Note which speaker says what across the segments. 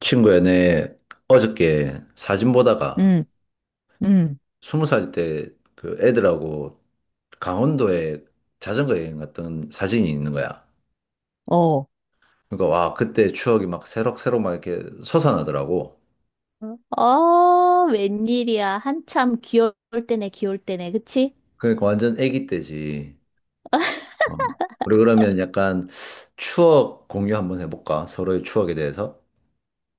Speaker 1: 친구야, 내 어저께 사진 보다가
Speaker 2: 음, 음,
Speaker 1: 20살 때 그 애들하고 강원도에 자전거 여행 갔던 사진이 있는 거야.
Speaker 2: 어.
Speaker 1: 그러니까 와, 그때 추억이 막 새록새록 막 이렇게 솟아나더라고.
Speaker 2: 응? 어, 웬일이야. 한참 귀여울 때네, 귀여울 때네. 그치?
Speaker 1: 그러니까 완전 애기 때지. 어. 우리 그러면 약간 추억 공유 한번 해볼까? 서로의 추억에 대해서.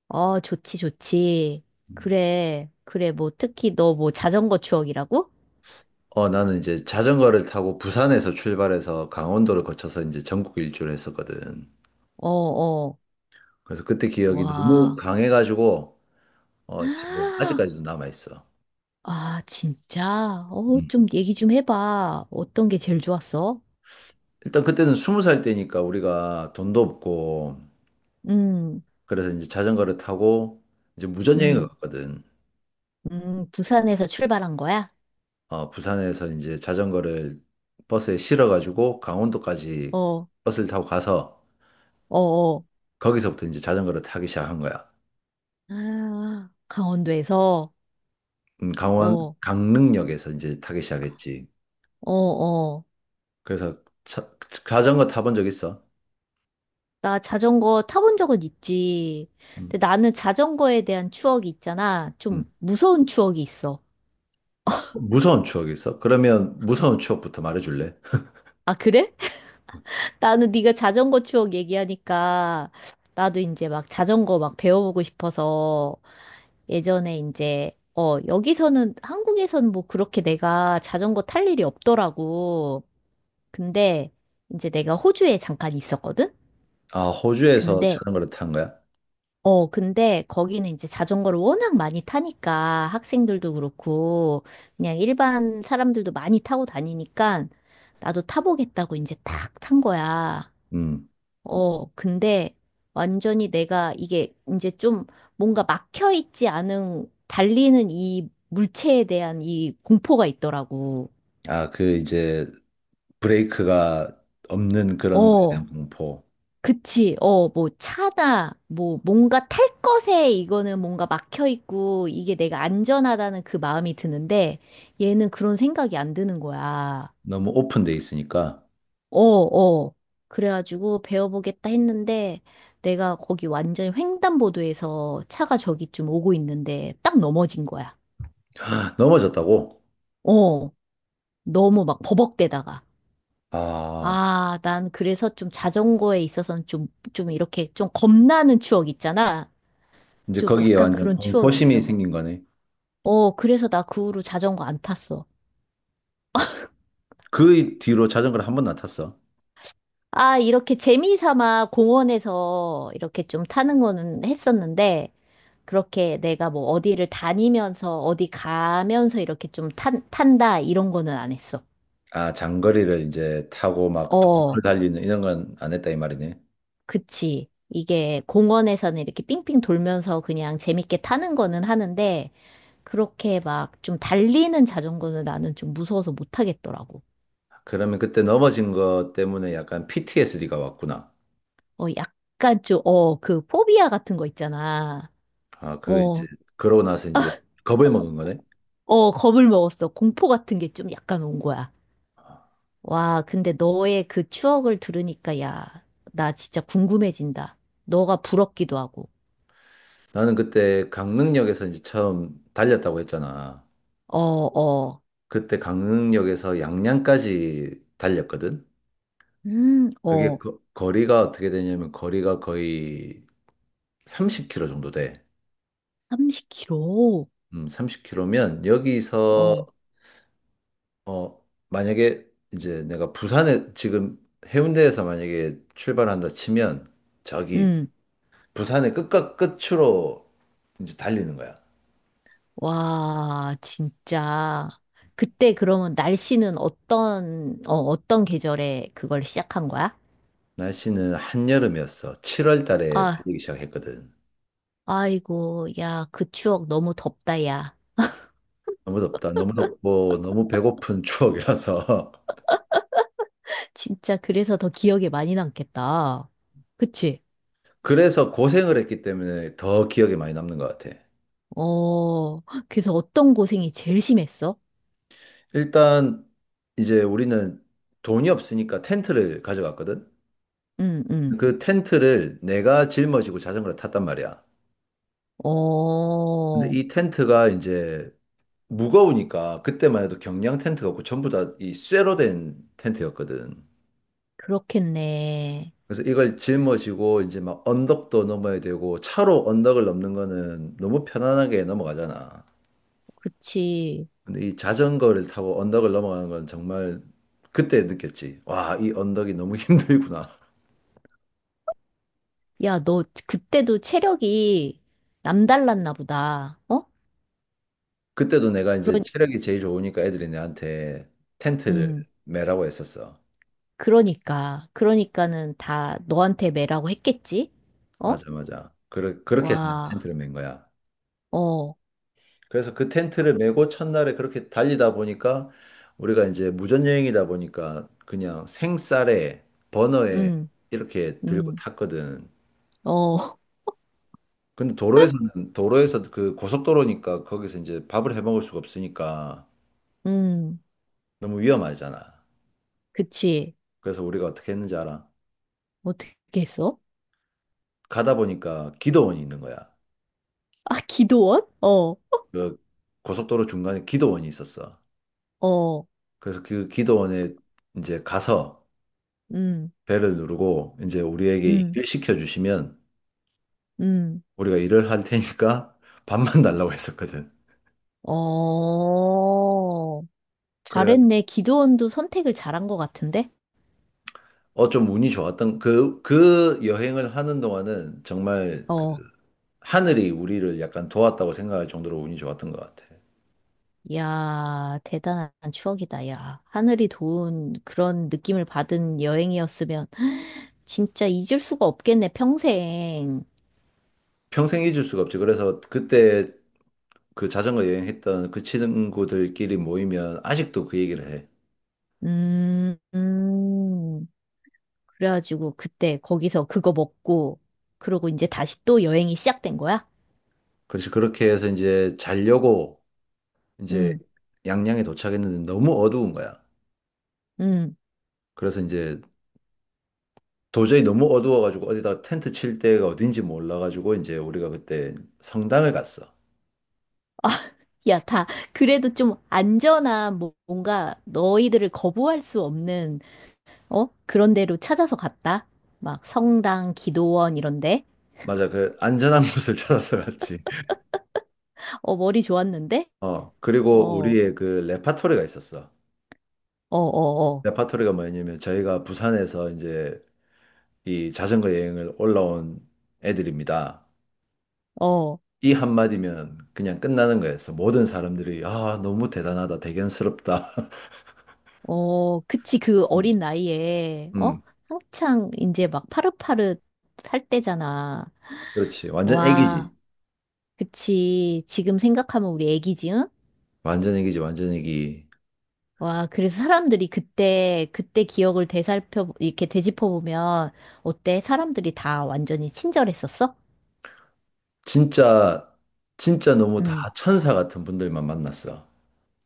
Speaker 2: 어, 좋지, 좋지.
Speaker 1: 음.
Speaker 2: 그래, 그래. 뭐, 특히 너 뭐 자전거 추억이라고?
Speaker 1: 어, 나는 이제 자전거를 타고 부산에서 출발해서 강원도를 거쳐서 이제 전국 일주를 했었거든.
Speaker 2: 어, 어.
Speaker 1: 그래서 그때 기억이 너무
Speaker 2: 와.
Speaker 1: 강해가지고 어, 지금 아직까지도 남아 있어.
Speaker 2: 아, 진짜? 어,
Speaker 1: 음.
Speaker 2: 좀 얘기 좀 해봐. 어떤 게 제일 좋았어?
Speaker 1: 일단 그때는 20살 때니까 우리가 돈도 없고
Speaker 2: 음,
Speaker 1: 그래서 이제 자전거를 타고 이제 무전여행을
Speaker 2: 음,
Speaker 1: 갔거든.
Speaker 2: 부산에서 출발한 거야?
Speaker 1: 어, 부산에서 이제 자전거를 버스에 실어가지고 강원도까지
Speaker 2: 어,
Speaker 1: 버스를 타고 가서
Speaker 2: 어, 어.
Speaker 1: 거기서부터 이제 자전거를 타기 시작한 거야.
Speaker 2: 아, 강원도에서?
Speaker 1: 강원
Speaker 2: 어,
Speaker 1: 강릉역에서 이제 타기 시작했지.
Speaker 2: 어, 어.
Speaker 1: 그래서 차- 자전거 타본 적 있어?
Speaker 2: 나 자전거 타본 적은 있지.
Speaker 1: 음,
Speaker 2: 근데 나는 자전거에 대한 추억이 있잖아. 좀
Speaker 1: 음.
Speaker 2: 무서운 추억이 있어.
Speaker 1: 무서운 추억 있어? 그러면 무서운 추억부터 말해줄래?
Speaker 2: 아, 그래? 나는 네가 자전거 추억 얘기하니까 나도 이제 막 자전거 막 배워보고 싶어서 예전에 이제 여기서는 한국에서는 뭐 그렇게 내가 자전거 탈 일이 없더라고. 근데 이제 내가 호주에 잠깐 있었거든?
Speaker 1: 아, 호주에서
Speaker 2: 근데
Speaker 1: 자전거를 탄 거야?
Speaker 2: 근데 거기는 이제 자전거를 워낙 많이 타니까 학생들도 그렇고 그냥 일반 사람들도 많이 타고 다니니까 나도 타보겠다고 이제 딱 탄 거야.
Speaker 1: 음.
Speaker 2: 어, 근데 완전히 내가 이게 이제 좀 뭔가 막혀 있지 않은 달리는 이 물체에 대한 이 공포가 있더라고.
Speaker 1: 아, 그 이제 브레이크가 없는 그런 거에 대한
Speaker 2: 어,
Speaker 1: 공포.
Speaker 2: 그치. 어, 뭐, 차다. 뭐, 뭔가 탈 것에 이거는 뭔가 막혀 있고, 이게 내가 안전하다는 그 마음이 드는데, 얘는 그런 생각이 안 드는 거야.
Speaker 1: 너무 오픈돼 있으니까.
Speaker 2: 어, 어. 그래가지고 배워보겠다 했는데, 내가 거기 완전히 횡단보도에서 차가 저기쯤 오고 있는데, 딱 넘어진 거야.
Speaker 1: 넘어졌다고?
Speaker 2: 어, 너무 막 버벅대다가.
Speaker 1: 아,
Speaker 2: 아, 난 그래서 좀 자전거에 있어서는 좀, 좀 이렇게 좀 겁나는 추억 있잖아.
Speaker 1: 이제
Speaker 2: 좀
Speaker 1: 거기에
Speaker 2: 약간
Speaker 1: 완전
Speaker 2: 그런 추억이
Speaker 1: 공포심이
Speaker 2: 있어.
Speaker 1: 생긴 거네.
Speaker 2: 어, 그래서 나 그 후로 자전거 안 탔어.
Speaker 1: 그 뒤로 자전거를 한 번 안 탔어.
Speaker 2: 아, 이렇게 재미삼아 공원에서 이렇게 좀 타는 거는 했었는데, 그렇게 내가 뭐 어디를 다니면서, 어디 가면서 이렇게 좀 탄다, 이런 거는 안 했어.
Speaker 1: 아, 장거리를 이제 타고 막 도로를
Speaker 2: 어,
Speaker 1: 달리는 이런 건 안 했다 이 말이네.
Speaker 2: 그치. 이게 공원에서는 이렇게 삥삥 돌면서 그냥 재밌게 타는 거는 하는데, 그렇게 막 좀 달리는 자전거는 나는 좀 무서워서 못 타겠더라고.
Speaker 1: 그러면 그때 넘어진 것 때문에 약간 PTSD가 왔구나.
Speaker 2: 어, 약간 좀, 어, 그 포비아 같은 거 있잖아.
Speaker 1: 아, 그 이제
Speaker 2: 어.
Speaker 1: 그러고 나서 이제 겁을 먹은 거네.
Speaker 2: 어, 겁을 먹었어. 공포 같은 게 좀 약간 온 거야.
Speaker 1: 아,
Speaker 2: 와, 근데 너의 그 추억을 들으니까, 야, 나 진짜 궁금해진다. 너가 부럽기도 하고.
Speaker 1: 나는 그때 강릉역에서 이제 처음 달렸다고 했잖아.
Speaker 2: 어, 어,
Speaker 1: 그때 강릉역에서 양양까지 달렸거든? 그게
Speaker 2: 어,
Speaker 1: 거리가 어떻게 되냐면 거리가 거의 30km 정도 돼.
Speaker 2: 30kg.
Speaker 1: 30km면 여기서
Speaker 2: 어,
Speaker 1: 어 만약에 이제 내가 부산에 지금 해운대에서 만약에 출발한다 치면 저기
Speaker 2: 음,
Speaker 1: 부산의 끝과 끝으로 이제 달리는 거야.
Speaker 2: 와, 진짜. 그때 그러면 날씨는 어떤, 어, 어떤 계절에 그걸 시작한 거야?
Speaker 1: 날씨는 한여름이었어. 7월 달에
Speaker 2: 아,
Speaker 1: 달리기 시작했거든.
Speaker 2: 아이고, 야, 그 추억 너무 덥다, 야.
Speaker 1: 너무 덥다. 너무 덥고 너무 배고픈 추억이라서
Speaker 2: 진짜 그래서 더 기억에 많이 남겠다. 그치?
Speaker 1: 그래서 고생을 했기 때문에 더 기억에 많이 남는 것 같아.
Speaker 2: 어, 그래서 어떤 고생이 제일 심했어?
Speaker 1: 일단 이제 우리는 돈이 없으니까 텐트를 가져갔거든.
Speaker 2: 응, 응.
Speaker 1: 그 텐트를 내가 짊어지고 자전거를 탔단 말이야. 근데
Speaker 2: 어,
Speaker 1: 이 텐트가 이제 무거우니까 그때만 해도 경량 텐트가 없고 전부 다 이 쇠로 된 텐트였거든.
Speaker 2: 그렇겠네.
Speaker 1: 그래서 이걸 짊어지고 이제 막 언덕도 넘어야 되고 차로 언덕을 넘는 거는 너무 편안하게 넘어가잖아.
Speaker 2: 그치.
Speaker 1: 근데 이 자전거를 타고 언덕을 넘어가는 건 정말 그때 느꼈지. 와, 이 언덕이 너무 힘들구나.
Speaker 2: 야, 너 그때도 체력이 남달랐나 보다. 어?
Speaker 1: 그때도 내가 이제
Speaker 2: 그런,
Speaker 1: 체력이 제일 좋으니까 애들이 내한테 텐트를
Speaker 2: 음,
Speaker 1: 매라고 했었어.
Speaker 2: 그러니까. 그러니까는 다 너한테 매라고 했겠지? 어?
Speaker 1: 맞아, 맞아. 그렇게 해서 내가
Speaker 2: 와,
Speaker 1: 텐트를 맨 거야.
Speaker 2: 어,
Speaker 1: 그래서 그 텐트를 메고 첫날에 그렇게 달리다 보니까 우리가 이제 무전여행이다 보니까 그냥 생쌀에 버너에
Speaker 2: 음,
Speaker 1: 이렇게 들고
Speaker 2: 음,
Speaker 1: 탔거든.
Speaker 2: 어,
Speaker 1: 근데 도로에서는 도로에서 그 고속도로니까 거기서 이제 밥을 해 먹을 수가 없으니까
Speaker 2: 음,
Speaker 1: 너무 위험하잖아.
Speaker 2: 그치.
Speaker 1: 그래서 우리가 어떻게 했는지 알아?
Speaker 2: 어떻게 했어?
Speaker 1: 가다 보니까 기도원이 있는 거야.
Speaker 2: 아, 기도원? 어,
Speaker 1: 그 고속도로 중간에 기도원이 있었어.
Speaker 2: 어,
Speaker 1: 그래서 그 기도원에 이제 가서
Speaker 2: 음,
Speaker 1: 벨을 누르고 이제 우리에게
Speaker 2: 음,
Speaker 1: 일을 시켜주시면
Speaker 2: 음.
Speaker 1: 우리가 일을 할 테니까 밥만 달라고 했었거든.
Speaker 2: 어,
Speaker 1: 그래가
Speaker 2: 잘했네. 기도원도 선택을 잘한 것 같은데?
Speaker 1: 좀 운이 좋았던 그 여행을 하는 동안은 정말 그
Speaker 2: 어,
Speaker 1: 하늘이 우리를 약간 도왔다고 생각할 정도로 운이 좋았던 것 같아.
Speaker 2: 야, 대단한 추억이다, 야. 하늘이 도운 그런 느낌을 받은 여행이었으면 진짜 잊을 수가 없겠네, 평생.
Speaker 1: 평생 잊을 수가 없지. 그래서 그때 그 자전거 여행했던 그 친구들끼리 모이면 아직도 그 얘기를 해.
Speaker 2: 음, 음. 그래가지고 그때 거기서 그거 먹고, 그러고 이제 다시 또 여행이 시작된 거야?
Speaker 1: 그래서 그렇게 해서 이제 자려고 이제
Speaker 2: 음,
Speaker 1: 양양에 도착했는데 너무 어두운 거야.
Speaker 2: 음.
Speaker 1: 그래서 이제 도저히 너무 어두워가지고 어디다 텐트 칠 데가 어딘지 몰라가지고 이제 우리가 그때 성당을 갔어.
Speaker 2: 야, 다, 그래도 좀 안전한, 뭐- 뭔가 너희들을 거부할 수 없는 어? 그런 데로 찾아서 갔다. 막 성당, 기도원 이런데.
Speaker 1: 맞아, 그 안전한 곳을 찾아서 갔지.
Speaker 2: 어, 머리 좋았는데?
Speaker 1: 어,
Speaker 2: 어,
Speaker 1: 그리고
Speaker 2: 어,
Speaker 1: 우리의 그 레파토리가 있었어.
Speaker 2: 어,
Speaker 1: 레파토리가 뭐냐면 저희가 부산에서 이제 이 자전거 여행을 올라온 애들입니다.
Speaker 2: 어, 어,
Speaker 1: 이 한마디면 그냥 끝나는 거였어. 모든 사람들이 아, 너무 대단하다. 대견스럽다.
Speaker 2: 어, 그치. 그
Speaker 1: 음,
Speaker 2: 어린 나이에, 어?
Speaker 1: 음,
Speaker 2: 한창 이제 막 파릇파릇 살 때잖아.
Speaker 1: 그렇지. 완전
Speaker 2: 와,
Speaker 1: 애기지.
Speaker 2: 그치. 지금 생각하면 우리 애기지, 응?
Speaker 1: 완전 애기지. 완전 애기.
Speaker 2: 와, 그래서 사람들이 그때, 그때 기억을 되살펴, 이렇게 되짚어보면, 어때? 사람들이 다 완전히 친절했었어?
Speaker 1: 진짜 진짜 너무
Speaker 2: 응.
Speaker 1: 다 천사 같은 분들만 만났어.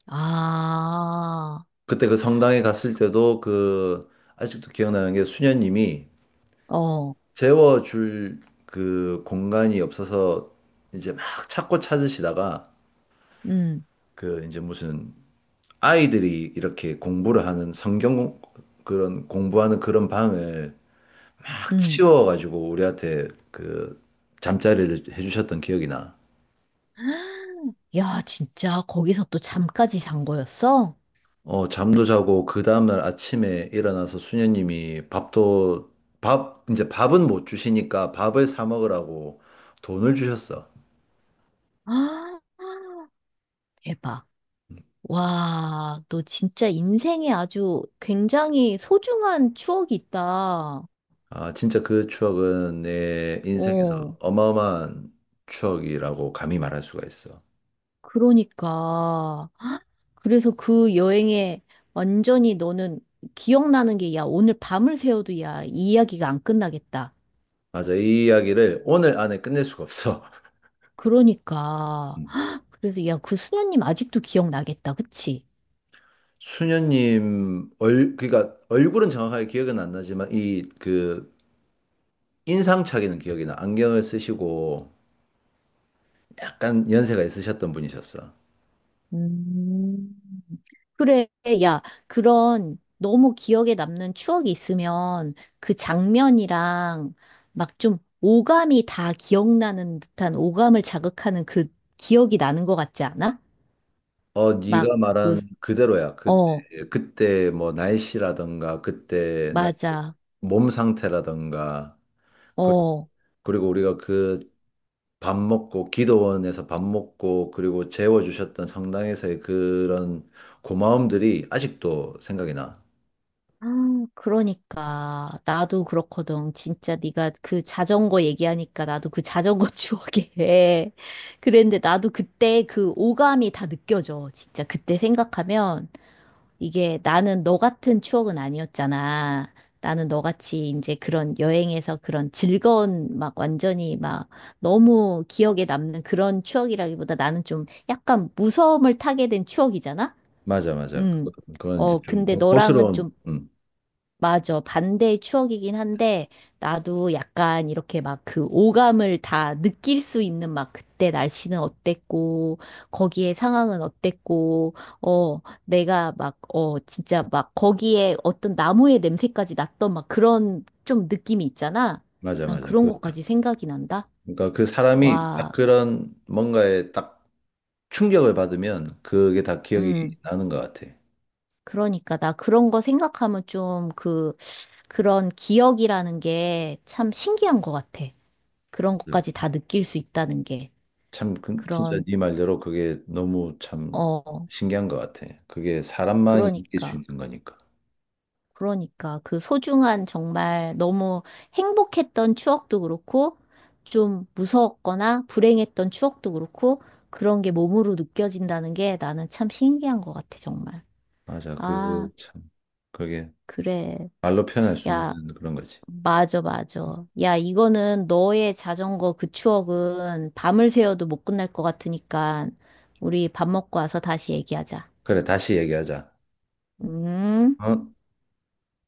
Speaker 2: 아,
Speaker 1: 그때 그 성당에 갔을 때도 그 아직도 기억나는 게 수녀님이
Speaker 2: 어.
Speaker 1: 재워줄 그 공간이 없어서 이제 막 찾고 찾으시다가
Speaker 2: 음.
Speaker 1: 그 이제 무슨 아이들이 이렇게 공부를 하는 그런 공부하는 그런 방을 막
Speaker 2: 응.
Speaker 1: 치워가지고 우리한테 그 잠자리를 해주셨던 기억이 나.
Speaker 2: 야, 진짜 거기서 또 잠까지 잔 거였어?
Speaker 1: 어, 잠도 자고 그 다음날 아침에 일어나서 수녀님이 밥도 밥 이제 밥은 못 주시니까 밥을 사 먹으라고 돈을 주셨어.
Speaker 2: 아, 대박. 와, 너 진짜 인생에 아주 굉장히 소중한 추억이 있다.
Speaker 1: 아, 진짜 그 추억은 내 인생에서
Speaker 2: 어,
Speaker 1: 어마어마한 추억이라고 감히 말할 수가 있어.
Speaker 2: 그러니까. 그래서 그 여행에 완전히 너는 기억나는 게, 야, 오늘 밤을 새워도 야, 이 이야기가 안 끝나겠다.
Speaker 1: 맞아. 이 이야기를 오늘 안에 끝낼 수가 없어.
Speaker 2: 그러니까. 그래서 야, 그 수녀님 아직도 기억나겠다. 그치?
Speaker 1: 수녀님 얼 그러니까 얼굴은 정확하게 기억은 안 나지만 이 그 인상착의는 기억이 나. 안경을 쓰시고 약간 연세가 있으셨던 분이셨어.
Speaker 2: 음. 그래, 야, 그런 너무 기억에 남는 추억이 있으면 그 장면이랑 막 좀 오감이 다 기억나는 듯한 오감을 자극하는 그 기억이 나는 것 같지 않아?
Speaker 1: 어,
Speaker 2: 막
Speaker 1: 네가
Speaker 2: 그,
Speaker 1: 말한 그대로야. 그때
Speaker 2: 어,
Speaker 1: 그때 뭐 날씨라던가 그때
Speaker 2: 맞아.
Speaker 1: 몸 상태라던가 그-
Speaker 2: 어.
Speaker 1: 그리고 우리가 그 밥 먹고 기도원에서 밥 먹고 그리고 재워주셨던 성당에서의 그런 고마움들이 아직도 생각이 나.
Speaker 2: 아, 그러니까 나도 그렇거든. 진짜 네가 그 자전거 얘기하니까 나도 그 자전거 추억에 그랬는데 나도 그때 그 오감이 다 느껴져. 진짜 그때 생각하면 이게 나는 너 같은 추억은 아니었잖아. 나는 너같이 이제 그런 여행에서 그런 즐거운 막 완전히 막 너무 기억에 남는 그런 추억이라기보다 나는 좀 약간 무서움을 타게 된 추억이잖아?
Speaker 1: 맞아, 맞아.
Speaker 2: 음.
Speaker 1: 그건 이제
Speaker 2: 어,
Speaker 1: 좀
Speaker 2: 근데 너랑은 좀
Speaker 1: 공포스러운,
Speaker 2: 맞아. 반대의 추억이긴 한데, 나도 약간 이렇게 막 그 오감을 다 느낄 수 있는 막 그때 날씨는 어땠고, 거기에 상황은 어땠고, 어, 내가 막, 어, 진짜 막 거기에 어떤 나무의 냄새까지 났던 막 그런 좀 느낌이 있잖아.
Speaker 1: 맞아,
Speaker 2: 난
Speaker 1: 맞아.
Speaker 2: 그런 것까지
Speaker 1: 그렇다.
Speaker 2: 생각이 난다.
Speaker 1: 그러니까 그 사람이 딱
Speaker 2: 와,
Speaker 1: 그런 뭔가에 딱 충격을 받으면 그게 다 기억이
Speaker 2: 음.
Speaker 1: 나는 것 같아.
Speaker 2: 그러니까 나 그런 거 생각하면 좀 그, 그런 기억이라는 게 참 신기한 것 같아. 그런
Speaker 1: 음.
Speaker 2: 것까지 다 느낄 수 있다는 게
Speaker 1: 참, 진짜
Speaker 2: 그런
Speaker 1: 네 말대로 그게 너무 참
Speaker 2: 어
Speaker 1: 신기한 것 같아. 그게 사람만이 느낄 수
Speaker 2: 그러니까
Speaker 1: 있는 거니까.
Speaker 2: 그러니까 그 소중한 정말 너무 행복했던 추억도 그렇고 좀 무서웠거나 불행했던 추억도 그렇고 그런 게 몸으로 느껴진다는 게 나는 참 신기한 것 같아 정말
Speaker 1: 맞아,
Speaker 2: 아
Speaker 1: 그 참, 그게
Speaker 2: 그래
Speaker 1: 말로 표현할 수
Speaker 2: 야
Speaker 1: 없는 그런 거지.
Speaker 2: 맞아 맞아 야 이거는 너의 자전거 그 추억은 밤을 새워도 못 끝날 것 같으니까 우리 밥 먹고 와서 다시 얘기하자
Speaker 1: 그래, 다시 얘기하자.
Speaker 2: 음
Speaker 1: 어?